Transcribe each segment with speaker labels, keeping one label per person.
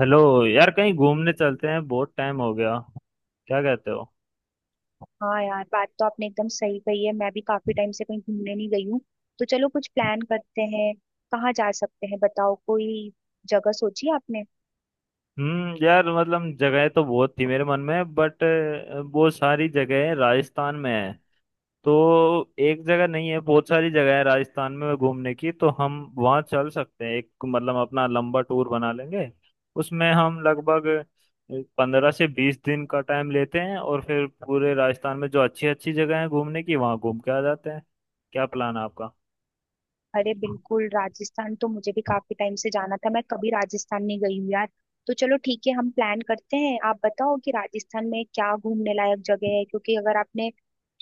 Speaker 1: Hello. यार कहीं घूमने चलते हैं, बहुत टाइम हो गया। क्या कहते हो?
Speaker 2: हाँ यार, बात तो आपने एकदम सही कही है। मैं भी काफी टाइम से कहीं घूमने नहीं गई हूँ। तो चलो, कुछ प्लान करते हैं। कहाँ जा सकते हैं बताओ, कोई जगह सोची आपने?
Speaker 1: यार मतलब जगह तो बहुत थी मेरे मन में, बट बहुत सारी जगह राजस्थान में है। तो एक जगह नहीं है, बहुत सारी जगह है राजस्थान में घूमने की, तो हम वहाँ चल सकते हैं। एक मतलब अपना लंबा टूर बना लेंगे। उसमें हम लगभग 15 से 20 दिन का टाइम लेते हैं और फिर पूरे राजस्थान में जो अच्छी अच्छी जगह है घूमने की, वहाँ घूम के आ जाते हैं। क्या प्लान है आपका?
Speaker 2: अरे बिल्कुल, राजस्थान तो मुझे भी काफी टाइम से जाना था। मैं कभी राजस्थान नहीं गई हूँ यार। तो चलो, ठीक है, हम प्लान करते हैं। आप बताओ कि राजस्थान में क्या घूमने लायक जगह है, क्योंकि अगर आपने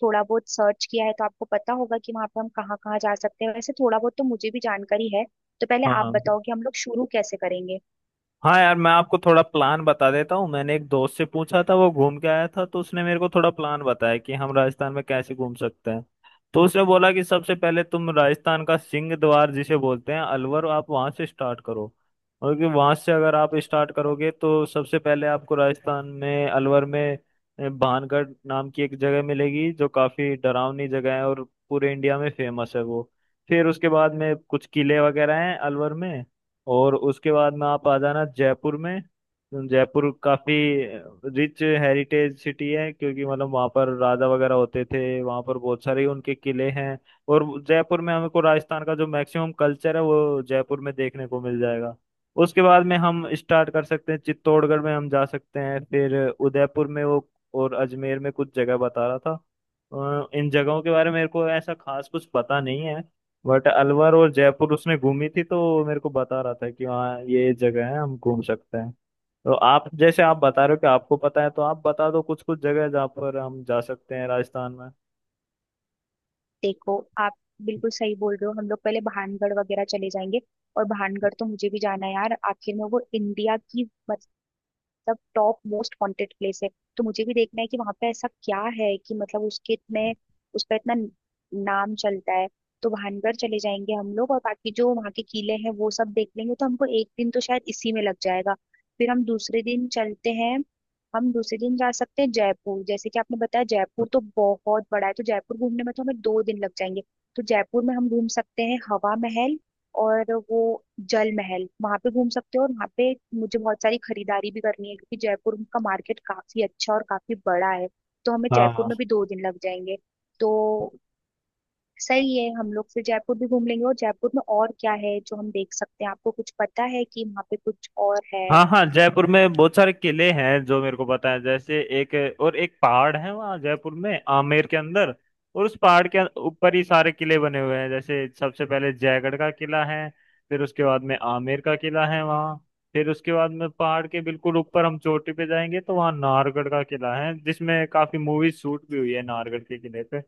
Speaker 2: थोड़ा बहुत सर्च किया है तो आपको पता होगा कि वहाँ पे हम कहाँ कहाँ जा सकते हैं। वैसे थोड़ा बहुत तो मुझे भी जानकारी है। तो पहले आप
Speaker 1: हाँ।
Speaker 2: बताओ कि हम लोग शुरू कैसे करेंगे।
Speaker 1: हाँ यार, मैं आपको थोड़ा प्लान बता देता हूँ। मैंने एक दोस्त से पूछा था, वो घूम के आया था, तो उसने मेरे को थोड़ा प्लान बताया कि हम राजस्थान में कैसे घूम सकते हैं। तो उसने बोला कि सबसे पहले तुम राजस्थान का सिंह द्वार जिसे बोलते हैं अलवर, आप वहाँ से स्टार्ट करो। और कि वहाँ से अगर आप स्टार्ट करोगे तो सबसे पहले आपको राजस्थान में अलवर में भानगढ़ नाम की एक जगह मिलेगी, जो काफी डरावनी जगह है और पूरे इंडिया में फेमस है वो। फिर उसके बाद में कुछ किले वगैरह हैं अलवर में। और उसके बाद में आप आ जाना जयपुर में। जयपुर काफी रिच हेरिटेज सिटी है, क्योंकि मतलब वहाँ पर राजा वगैरह होते थे, वहाँ पर बहुत सारे उनके किले हैं। और जयपुर में हमको राजस्थान का जो मैक्सिमम कल्चर है वो जयपुर में देखने को मिल जाएगा। उसके बाद में हम स्टार्ट कर सकते हैं, चित्तौड़गढ़ में हम जा सकते हैं, फिर उदयपुर में वो, और अजमेर में कुछ जगह बता रहा था। इन जगहों के बारे में मेरे को ऐसा खास कुछ पता नहीं है, बट अलवर और जयपुर उसने घूमी थी, तो वो मेरे को बता रहा था कि हाँ ये जगह है, हम घूम सकते हैं। तो आप, जैसे आप बता रहे हो कि आपको पता है, तो आप बता दो कुछ कुछ जगह जहाँ पर हम जा सकते हैं राजस्थान में।
Speaker 2: देखो आप बिल्कुल सही बोल रहे हो, हम लोग पहले भानगढ़ वगैरह चले जाएंगे। और भानगढ़ तो मुझे भी जाना है यार, आखिर में वो इंडिया की मतलब टॉप मोस्ट वांटेड प्लेस है। तो मुझे भी देखना है कि वहां पे ऐसा क्या है कि मतलब उसके इतने उस पर इतना नाम चलता है। तो भानगढ़ चले जाएंगे हम लोग और बाकी जो वहाँ के किले हैं वो सब देख लेंगे, तो हमको एक दिन तो शायद इसी में लग जाएगा। फिर हम दूसरे दिन चलते हैं। हम दूसरे दिन जा सकते हैं जयपुर, जैसे कि आपने बताया। जयपुर तो बहुत बड़ा है, तो जयपुर घूमने में तो हमें 2 दिन लग जाएंगे। तो जयपुर में हम घूम सकते हैं हवा महल और वो जल महल, वहां पे घूम सकते हो। और वहां पे मुझे बहुत सारी खरीदारी भी करनी है, क्योंकि जयपुर का मार्केट काफी अच्छा और काफी बड़ा है। तो हमें जयपुर
Speaker 1: हाँ,
Speaker 2: में भी 2 दिन लग जाएंगे। तो सही है, हम लोग फिर जयपुर भी घूम लेंगे। और जयपुर में और क्या है जो हम देख सकते हैं? आपको कुछ पता है कि वहाँ पे कुछ और है?
Speaker 1: हाँ। हाँ, जयपुर में बहुत सारे किले हैं जो मेरे को पता है। जैसे एक, और एक पहाड़ है वहाँ जयपुर में आमेर के अंदर, और उस पहाड़ के ऊपर ही सारे किले बने हुए हैं। जैसे सबसे पहले जयगढ़ का किला है, फिर उसके बाद में आमेर का किला है वहाँ, फिर उसके बाद में पहाड़ के बिल्कुल ऊपर हम चोटी पे जाएंगे तो वहाँ नाहरगढ़ का किला है, जिसमें काफी मूवी शूट भी हुई है नाहरगढ़ के किले पे।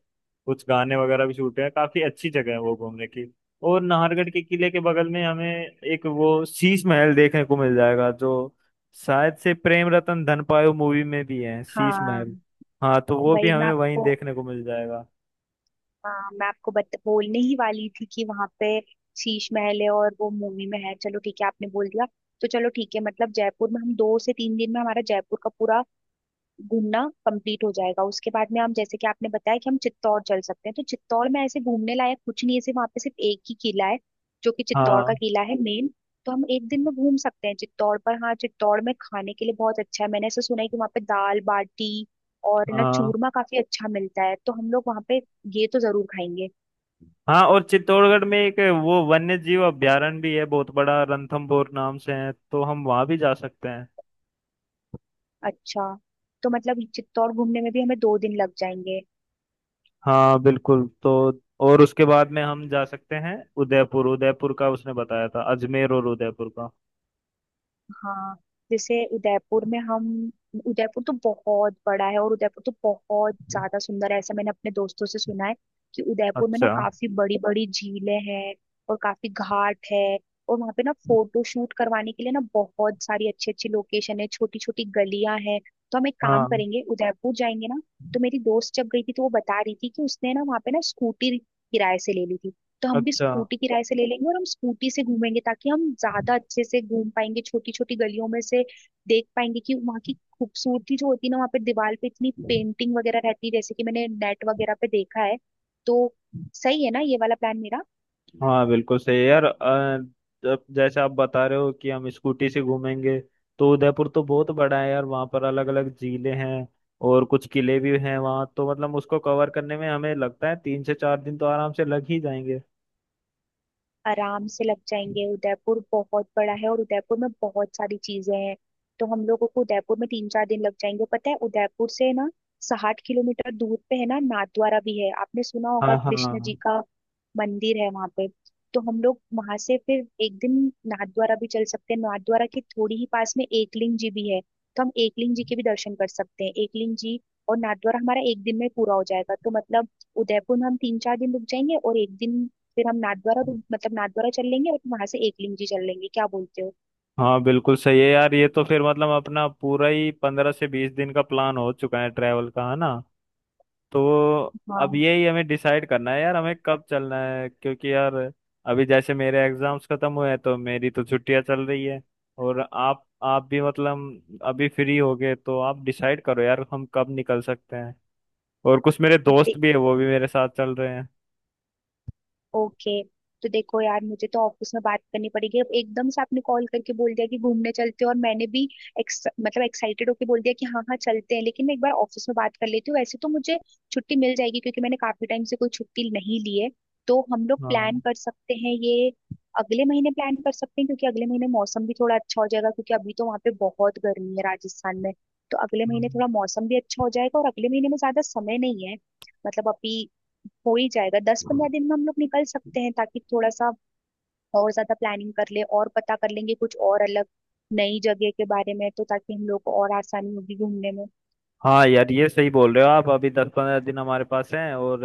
Speaker 1: कुछ गाने वगैरह भी शूट हुए हैं, काफी अच्छी जगह है वो घूमने की। और नाहरगढ़ के किले के बगल में हमें एक वो शीश महल देखने को मिल जाएगा, जो शायद से प्रेम रतन धनपायो मूवी में भी है शीश
Speaker 2: हाँ,
Speaker 1: महल। हाँ, तो वो भी
Speaker 2: वही मैं
Speaker 1: हमें वहीं
Speaker 2: आपको,
Speaker 1: देखने को मिल जाएगा।
Speaker 2: हाँ मैं आपको बोलने ही वाली थी कि वहां पे शीश महल है और वो मूवी में है। चलो ठीक है, आपने बोल दिया। तो चलो ठीक है, मतलब जयपुर में हम 2 से 3 दिन में हमारा जयपुर का पूरा घूमना कंप्लीट हो जाएगा। उसके बाद में हम, जैसे कि आपने बताया कि हम चित्तौड़ चल सकते हैं, तो चित्तौड़ में ऐसे घूमने लायक कुछ नहीं है, सिर्फ वहाँ पे सिर्फ एक ही किला है, जो कि चित्तौड़ का
Speaker 1: हाँ,
Speaker 2: किला है मेन। तो हम एक दिन में घूम सकते हैं चित्तौड़। पर हाँ, चित्तौड़ में खाने के लिए बहुत अच्छा है। मैंने ऐसा सुना है कि वहाँ पे दाल बाटी और ना
Speaker 1: हाँ।
Speaker 2: चूरमा काफी अच्छा मिलता है, तो हम लोग वहाँ पे ये तो जरूर खाएंगे।
Speaker 1: हाँ, और चित्तौड़गढ़ में एक वो वन्य जीव अभयारण्य भी है बहुत बड़ा, रणथंभौर नाम से है, तो हम वहां भी जा सकते हैं।
Speaker 2: अच्छा, तो मतलब चित्तौड़ घूमने में भी हमें 2 दिन लग जाएंगे।
Speaker 1: हाँ बिल्कुल। तो और उसके बाद में हम जा सकते हैं उदयपुर। उदयपुर का उसने बताया था, अजमेर और उदयपुर का।
Speaker 2: हाँ। जैसे उदयपुर में हम, उदयपुर तो बहुत बड़ा है, और उदयपुर तो बहुत ज्यादा सुंदर है, ऐसा मैंने अपने दोस्तों से सुना है। कि उदयपुर में ना
Speaker 1: अच्छा।
Speaker 2: काफी बड़ी बड़ी झीलें हैं और काफी घाट है। और वहाँ पे ना फोटो शूट करवाने के लिए ना बहुत सारी अच्छी अच्छी लोकेशन है, छोटी छोटी गलियां हैं। तो हम एक काम
Speaker 1: हाँ।
Speaker 2: करेंगे, उदयपुर जाएंगे ना, तो मेरी दोस्त जब गई थी तो वो बता रही थी कि उसने ना वहाँ पे ना स्कूटी किराए से ले ली थी। तो हम भी
Speaker 1: अच्छा।
Speaker 2: स्कूटी किराए से ले लेंगे और हम स्कूटी से घूमेंगे, ताकि हम ज्यादा अच्छे से घूम पाएंगे, छोटी छोटी गलियों में से देख पाएंगे कि वहाँ की खूबसूरती जो होती है ना, वहाँ पे दीवार पे इतनी पेंटिंग वगैरह रहती है, जैसे कि मैंने नेट वगैरह पे देखा है। तो सही है ना ये वाला प्लान मेरा?
Speaker 1: हाँ बिल्कुल सही है यार। जब, जैसे आप बता रहे हो कि हम स्कूटी से घूमेंगे, तो उदयपुर तो बहुत बड़ा है यार, वहाँ पर अलग अलग झीलें हैं और कुछ किले भी हैं वहाँ, तो मतलब उसको कवर करने में हमें लगता है 3 से 4 दिन तो आराम से लग ही जाएंगे।
Speaker 2: आराम से लग जाएंगे। उदयपुर बहुत बड़ा है और उदयपुर में बहुत सारी चीजें हैं। तो हम लोगों को उदयपुर में 3 4 दिन लग जाएंगे। पता है उदयपुर से ना 60 किलोमीटर दूर पे है ना नाथद्वारा भी है? आपने सुना होगा,
Speaker 1: हाँ।
Speaker 2: कृष्ण जी
Speaker 1: हाँ।
Speaker 2: का मंदिर है वहां पे। तो हम लोग वहां से फिर एक दिन नाथद्वारा भी चल सकते हैं। नाथद्वारा के थोड़ी ही पास में एकलिंग जी भी है, तो हम एकलिंग जी के भी दर्शन कर सकते हैं। एकलिंग जी और नाथद्वारा हमारा एक दिन में पूरा हो जाएगा। तो मतलब उदयपुर में हम 3 4 दिन रुक जाएंगे और एक दिन फिर हम नाथद्वारा, मतलब नाथद्वारा चल लेंगे और वहां से एकलिंग जी चल लेंगे। क्या बोलते हो?
Speaker 1: हाँ बिल्कुल सही है यार। ये तो फिर मतलब अपना पूरा ही 15 से 20 दिन का प्लान हो चुका है ट्रैवल का, है ना? तो अब
Speaker 2: हाँ।
Speaker 1: यही हमें डिसाइड करना है यार, हमें कब चलना है, क्योंकि यार अभी जैसे मेरे एग्जाम्स खत्म हुए हैं तो मेरी तो छुट्टियां चल रही है, और आप भी मतलब अभी फ्री हो गए, तो आप डिसाइड करो यार हम कब निकल सकते हैं। और कुछ मेरे दोस्त भी है, वो भी मेरे साथ चल रहे हैं।
Speaker 2: ओके। तो देखो यार, मुझे तो ऑफिस में बात करनी पड़ेगी। अब एकदम से आपने कॉल करके बोल दिया कि घूमने चलते हैं और मैंने भी मतलब एक्साइटेड होके बोल दिया कि हाँ हाँ चलते हैं, लेकिन मैं एक बार ऑफिस में बात कर लेती हूँ। वैसे तो मुझे छुट्टी मिल जाएगी, क्योंकि मैंने काफी टाइम से कोई छुट्टी नहीं ली है। तो हम लोग प्लान
Speaker 1: हाँ।
Speaker 2: कर सकते हैं ये, अगले महीने प्लान कर सकते हैं, क्योंकि अगले महीने मौसम भी थोड़ा अच्छा हो जाएगा, क्योंकि अभी तो वहाँ पे बहुत गर्मी है राजस्थान में। तो अगले महीने थोड़ा मौसम भी अच्छा हो जाएगा, और अगले महीने में ज्यादा समय नहीं है, मतलब अभी हो ही जाएगा। दस पंद्रह
Speaker 1: हाँ।
Speaker 2: दिन में हम लोग निकल सकते हैं ताकि थोड़ा सा और ज्यादा प्लानिंग कर ले और पता कर लेंगे कुछ और अलग नई जगह के बारे में, तो ताकि हम लोग को और आसानी होगी घूमने में।
Speaker 1: हाँ यार, ये सही बोल रहे हो आप। अभी 10-15 दिन हमारे पास हैं और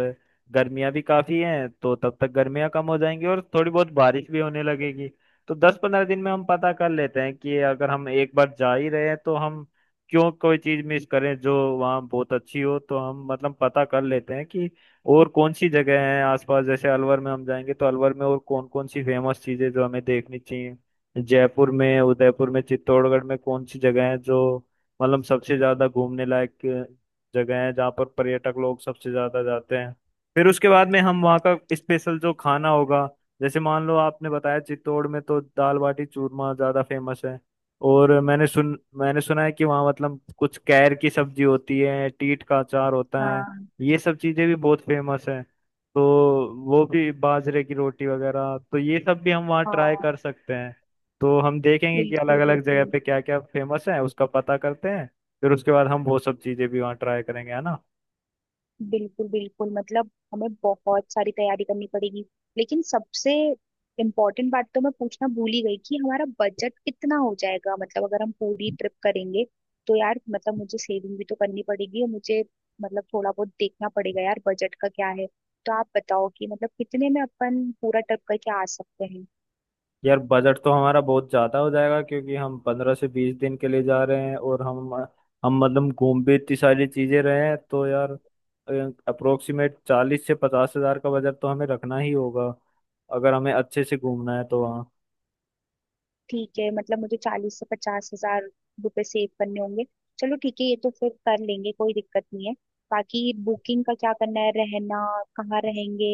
Speaker 1: गर्मियाँ भी काफ़ी हैं, तो तब तक गर्मियाँ कम हो जाएंगी और थोड़ी बहुत बारिश भी होने लगेगी। तो 10-15 दिन में हम पता कर लेते हैं कि अगर हम एक बार जा ही रहे हैं तो हम क्यों कोई चीज़ मिस करें जो वहाँ बहुत अच्छी हो। तो हम मतलब पता कर लेते हैं कि और कौन सी जगह हैं आसपास। जैसे अलवर में हम जाएंगे तो अलवर में और कौन कौन सी फेमस चीज़ें जो हमें देखनी चाहिए, जयपुर में, उदयपुर में, चित्तौड़गढ़ में कौन सी जगह है जो मतलब सबसे ज्यादा घूमने लायक जगह है, जहाँ पर पर्यटक लोग सबसे ज्यादा जाते हैं। फिर उसके बाद में हम वहाँ का स्पेशल जो खाना होगा, जैसे मान लो आपने बताया चित्तौड़ में तो दाल बाटी चूरमा ज्यादा फेमस है, और मैंने सुना है कि वहाँ मतलब कुछ कैर की सब्जी होती है, टीट का अचार होता है,
Speaker 2: हाँ
Speaker 1: ये सब चीजें भी बहुत फेमस है। तो वो भी, बाजरे की रोटी वगैरह, तो ये सब भी हम वहाँ ट्राई
Speaker 2: हाँ,
Speaker 1: कर सकते हैं। तो हम देखेंगे कि अलग
Speaker 2: बिल्कुल
Speaker 1: अलग जगह
Speaker 2: बिल्कुल।
Speaker 1: पे क्या क्या फेमस है, उसका पता करते हैं। फिर उसके बाद हम वो सब चीजें भी वहाँ ट्राई करेंगे, है ना?
Speaker 2: बिल्कुल बिल्कुल, मतलब हमें बहुत सारी तैयारी करनी पड़ेगी। लेकिन सबसे इम्पोर्टेंट बात तो मैं पूछना भूल ही गई कि हमारा बजट कितना हो जाएगा, मतलब अगर हम पूरी ट्रिप करेंगे। तो यार मतलब मुझे सेविंग भी तो करनी पड़ेगी और मुझे मतलब थोड़ा बहुत देखना पड़ेगा यार बजट का क्या है। तो आप बताओ कि मतलब कितने में अपन पूरा ट्रिप करके आ सकते हैं।
Speaker 1: यार बजट तो हमारा बहुत ज्यादा हो जाएगा, क्योंकि हम 15 से 20 दिन के लिए जा रहे हैं और हम मतलब घूम भी इतनी सारी चीजें रहे हैं। तो यार अप्रोक्सीमेट 40 से 50 हज़ार का बजट तो हमें रखना ही होगा अगर हमें अच्छे से घूमना है तो वहाँ।
Speaker 2: ठीक है, मतलब मुझे 40 से 50 हज़ार रुपए सेव करने होंगे। चलो ठीक है, ये तो फिर कर लेंगे, कोई दिक्कत नहीं है। बाकी बुकिंग का क्या करना है, रहना कहाँ रहेंगे,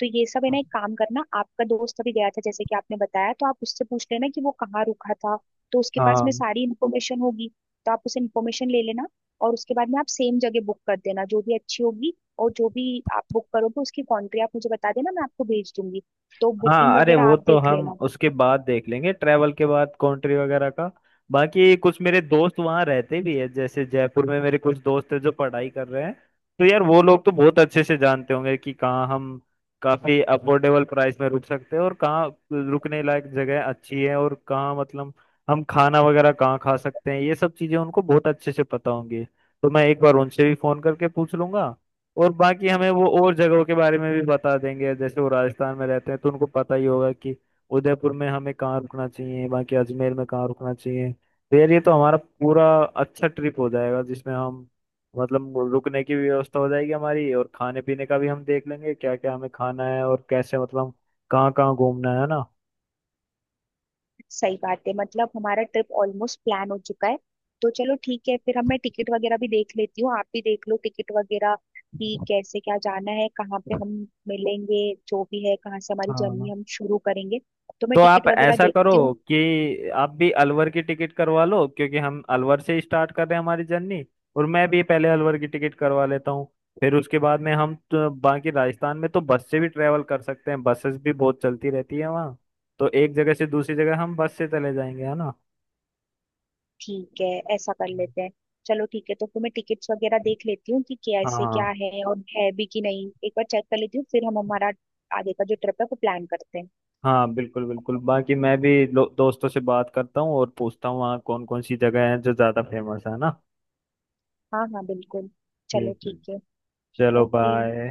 Speaker 2: तो ये सब है ना, एक काम करना आपका दोस्त अभी गया था जैसे कि आपने बताया, तो आप उससे पूछ लेना कि वो कहाँ रुका था। तो उसके पास में
Speaker 1: हाँ।
Speaker 2: सारी इन्फॉर्मेशन होगी, तो आप उसे इन्फॉर्मेशन ले लेना और उसके बाद में आप सेम जगह बुक कर देना, जो भी अच्छी होगी। और जो भी आप बुक करोगे उसकी कंट्री आप मुझे बता देना, मैं आपको भेज दूंगी। तो बुकिंग
Speaker 1: हाँ, अरे
Speaker 2: वगैरह
Speaker 1: वो
Speaker 2: आप
Speaker 1: तो
Speaker 2: देख
Speaker 1: हम
Speaker 2: लेना।
Speaker 1: उसके बाद देख लेंगे ट्रैवल के बाद, कंट्री वगैरह का। बाकी कुछ मेरे दोस्त वहाँ रहते भी है, जैसे जयपुर में मेरे कुछ दोस्त हैं जो पढ़ाई कर रहे हैं। तो यार वो लोग तो बहुत अच्छे से जानते होंगे कि कहाँ हम काफी अफोर्डेबल प्राइस में रुक सकते हैं, और कहाँ रुकने लायक जगह अच्छी है, और कहाँ मतलब हम खाना वगैरह कहाँ खा सकते हैं। ये सब चीजें उनको बहुत अच्छे से पता होंगी, तो मैं एक बार उनसे भी फोन करके पूछ लूंगा। और बाकी हमें वो और जगहों के बारे में भी बता देंगे, जैसे वो राजस्थान में रहते हैं तो उनको पता ही होगा कि उदयपुर में हमें कहाँ रुकना चाहिए, बाकी अजमेर में कहाँ रुकना चाहिए। तो यार ये तो हमारा पूरा अच्छा ट्रिप हो जाएगा, जिसमें हम मतलब रुकने की भी व्यवस्था हो जाएगी हमारी, और खाने पीने का भी हम देख लेंगे क्या क्या हमें खाना है, और कैसे मतलब कहाँ कहाँ घूमना है, ना?
Speaker 2: सही बात है, मतलब हमारा ट्रिप ऑलमोस्ट प्लान हो चुका है। तो चलो ठीक है, फिर अब मैं टिकट वगैरह भी देख लेती हूँ, आप भी देख लो टिकट वगैरह कि कैसे क्या जाना है, कहाँ पे हम मिलेंगे, जो भी है, कहाँ से हमारी जर्नी
Speaker 1: हाँ,
Speaker 2: हम शुरू करेंगे। तो मैं
Speaker 1: तो आप
Speaker 2: टिकट वगैरह
Speaker 1: ऐसा करो
Speaker 2: देखती हूँ।
Speaker 1: कि आप भी अलवर की टिकट करवा लो, क्योंकि हम अलवर से स्टार्ट कर रहे हैं हमारी जर्नी, और मैं भी पहले अलवर की टिकट करवा लेता हूँ। फिर उसके बाद में हम तो बाकी राजस्थान में तो बस से भी ट्रेवल कर सकते हैं, बसेस भी बहुत चलती रहती है वहाँ। तो एक जगह से दूसरी जगह हम बस से चले जाएंगे, है ना?
Speaker 2: ठीक है, ऐसा कर लेते हैं। चलो ठीक है, तो फिर मैं टिकट्स वगैरह देख लेती हूँ कि कैसे क्या
Speaker 1: हाँ।
Speaker 2: है और है भी कि नहीं, एक बार चेक कर लेती हूँ, फिर हम हमारा आगे का जो ट्रिप है वो प्लान करते हैं।
Speaker 1: हाँ, बिल्कुल बिल्कुल। बाकी मैं भी दोस्तों से बात करता हूँ और पूछता हूँ वहाँ कौन कौन सी जगह है जो ज़्यादा फेमस है, ना?
Speaker 2: हाँ हाँ, बिल्कुल, चलो
Speaker 1: ठीक है।
Speaker 2: ठीक है,
Speaker 1: चलो
Speaker 2: ओके।
Speaker 1: बाय।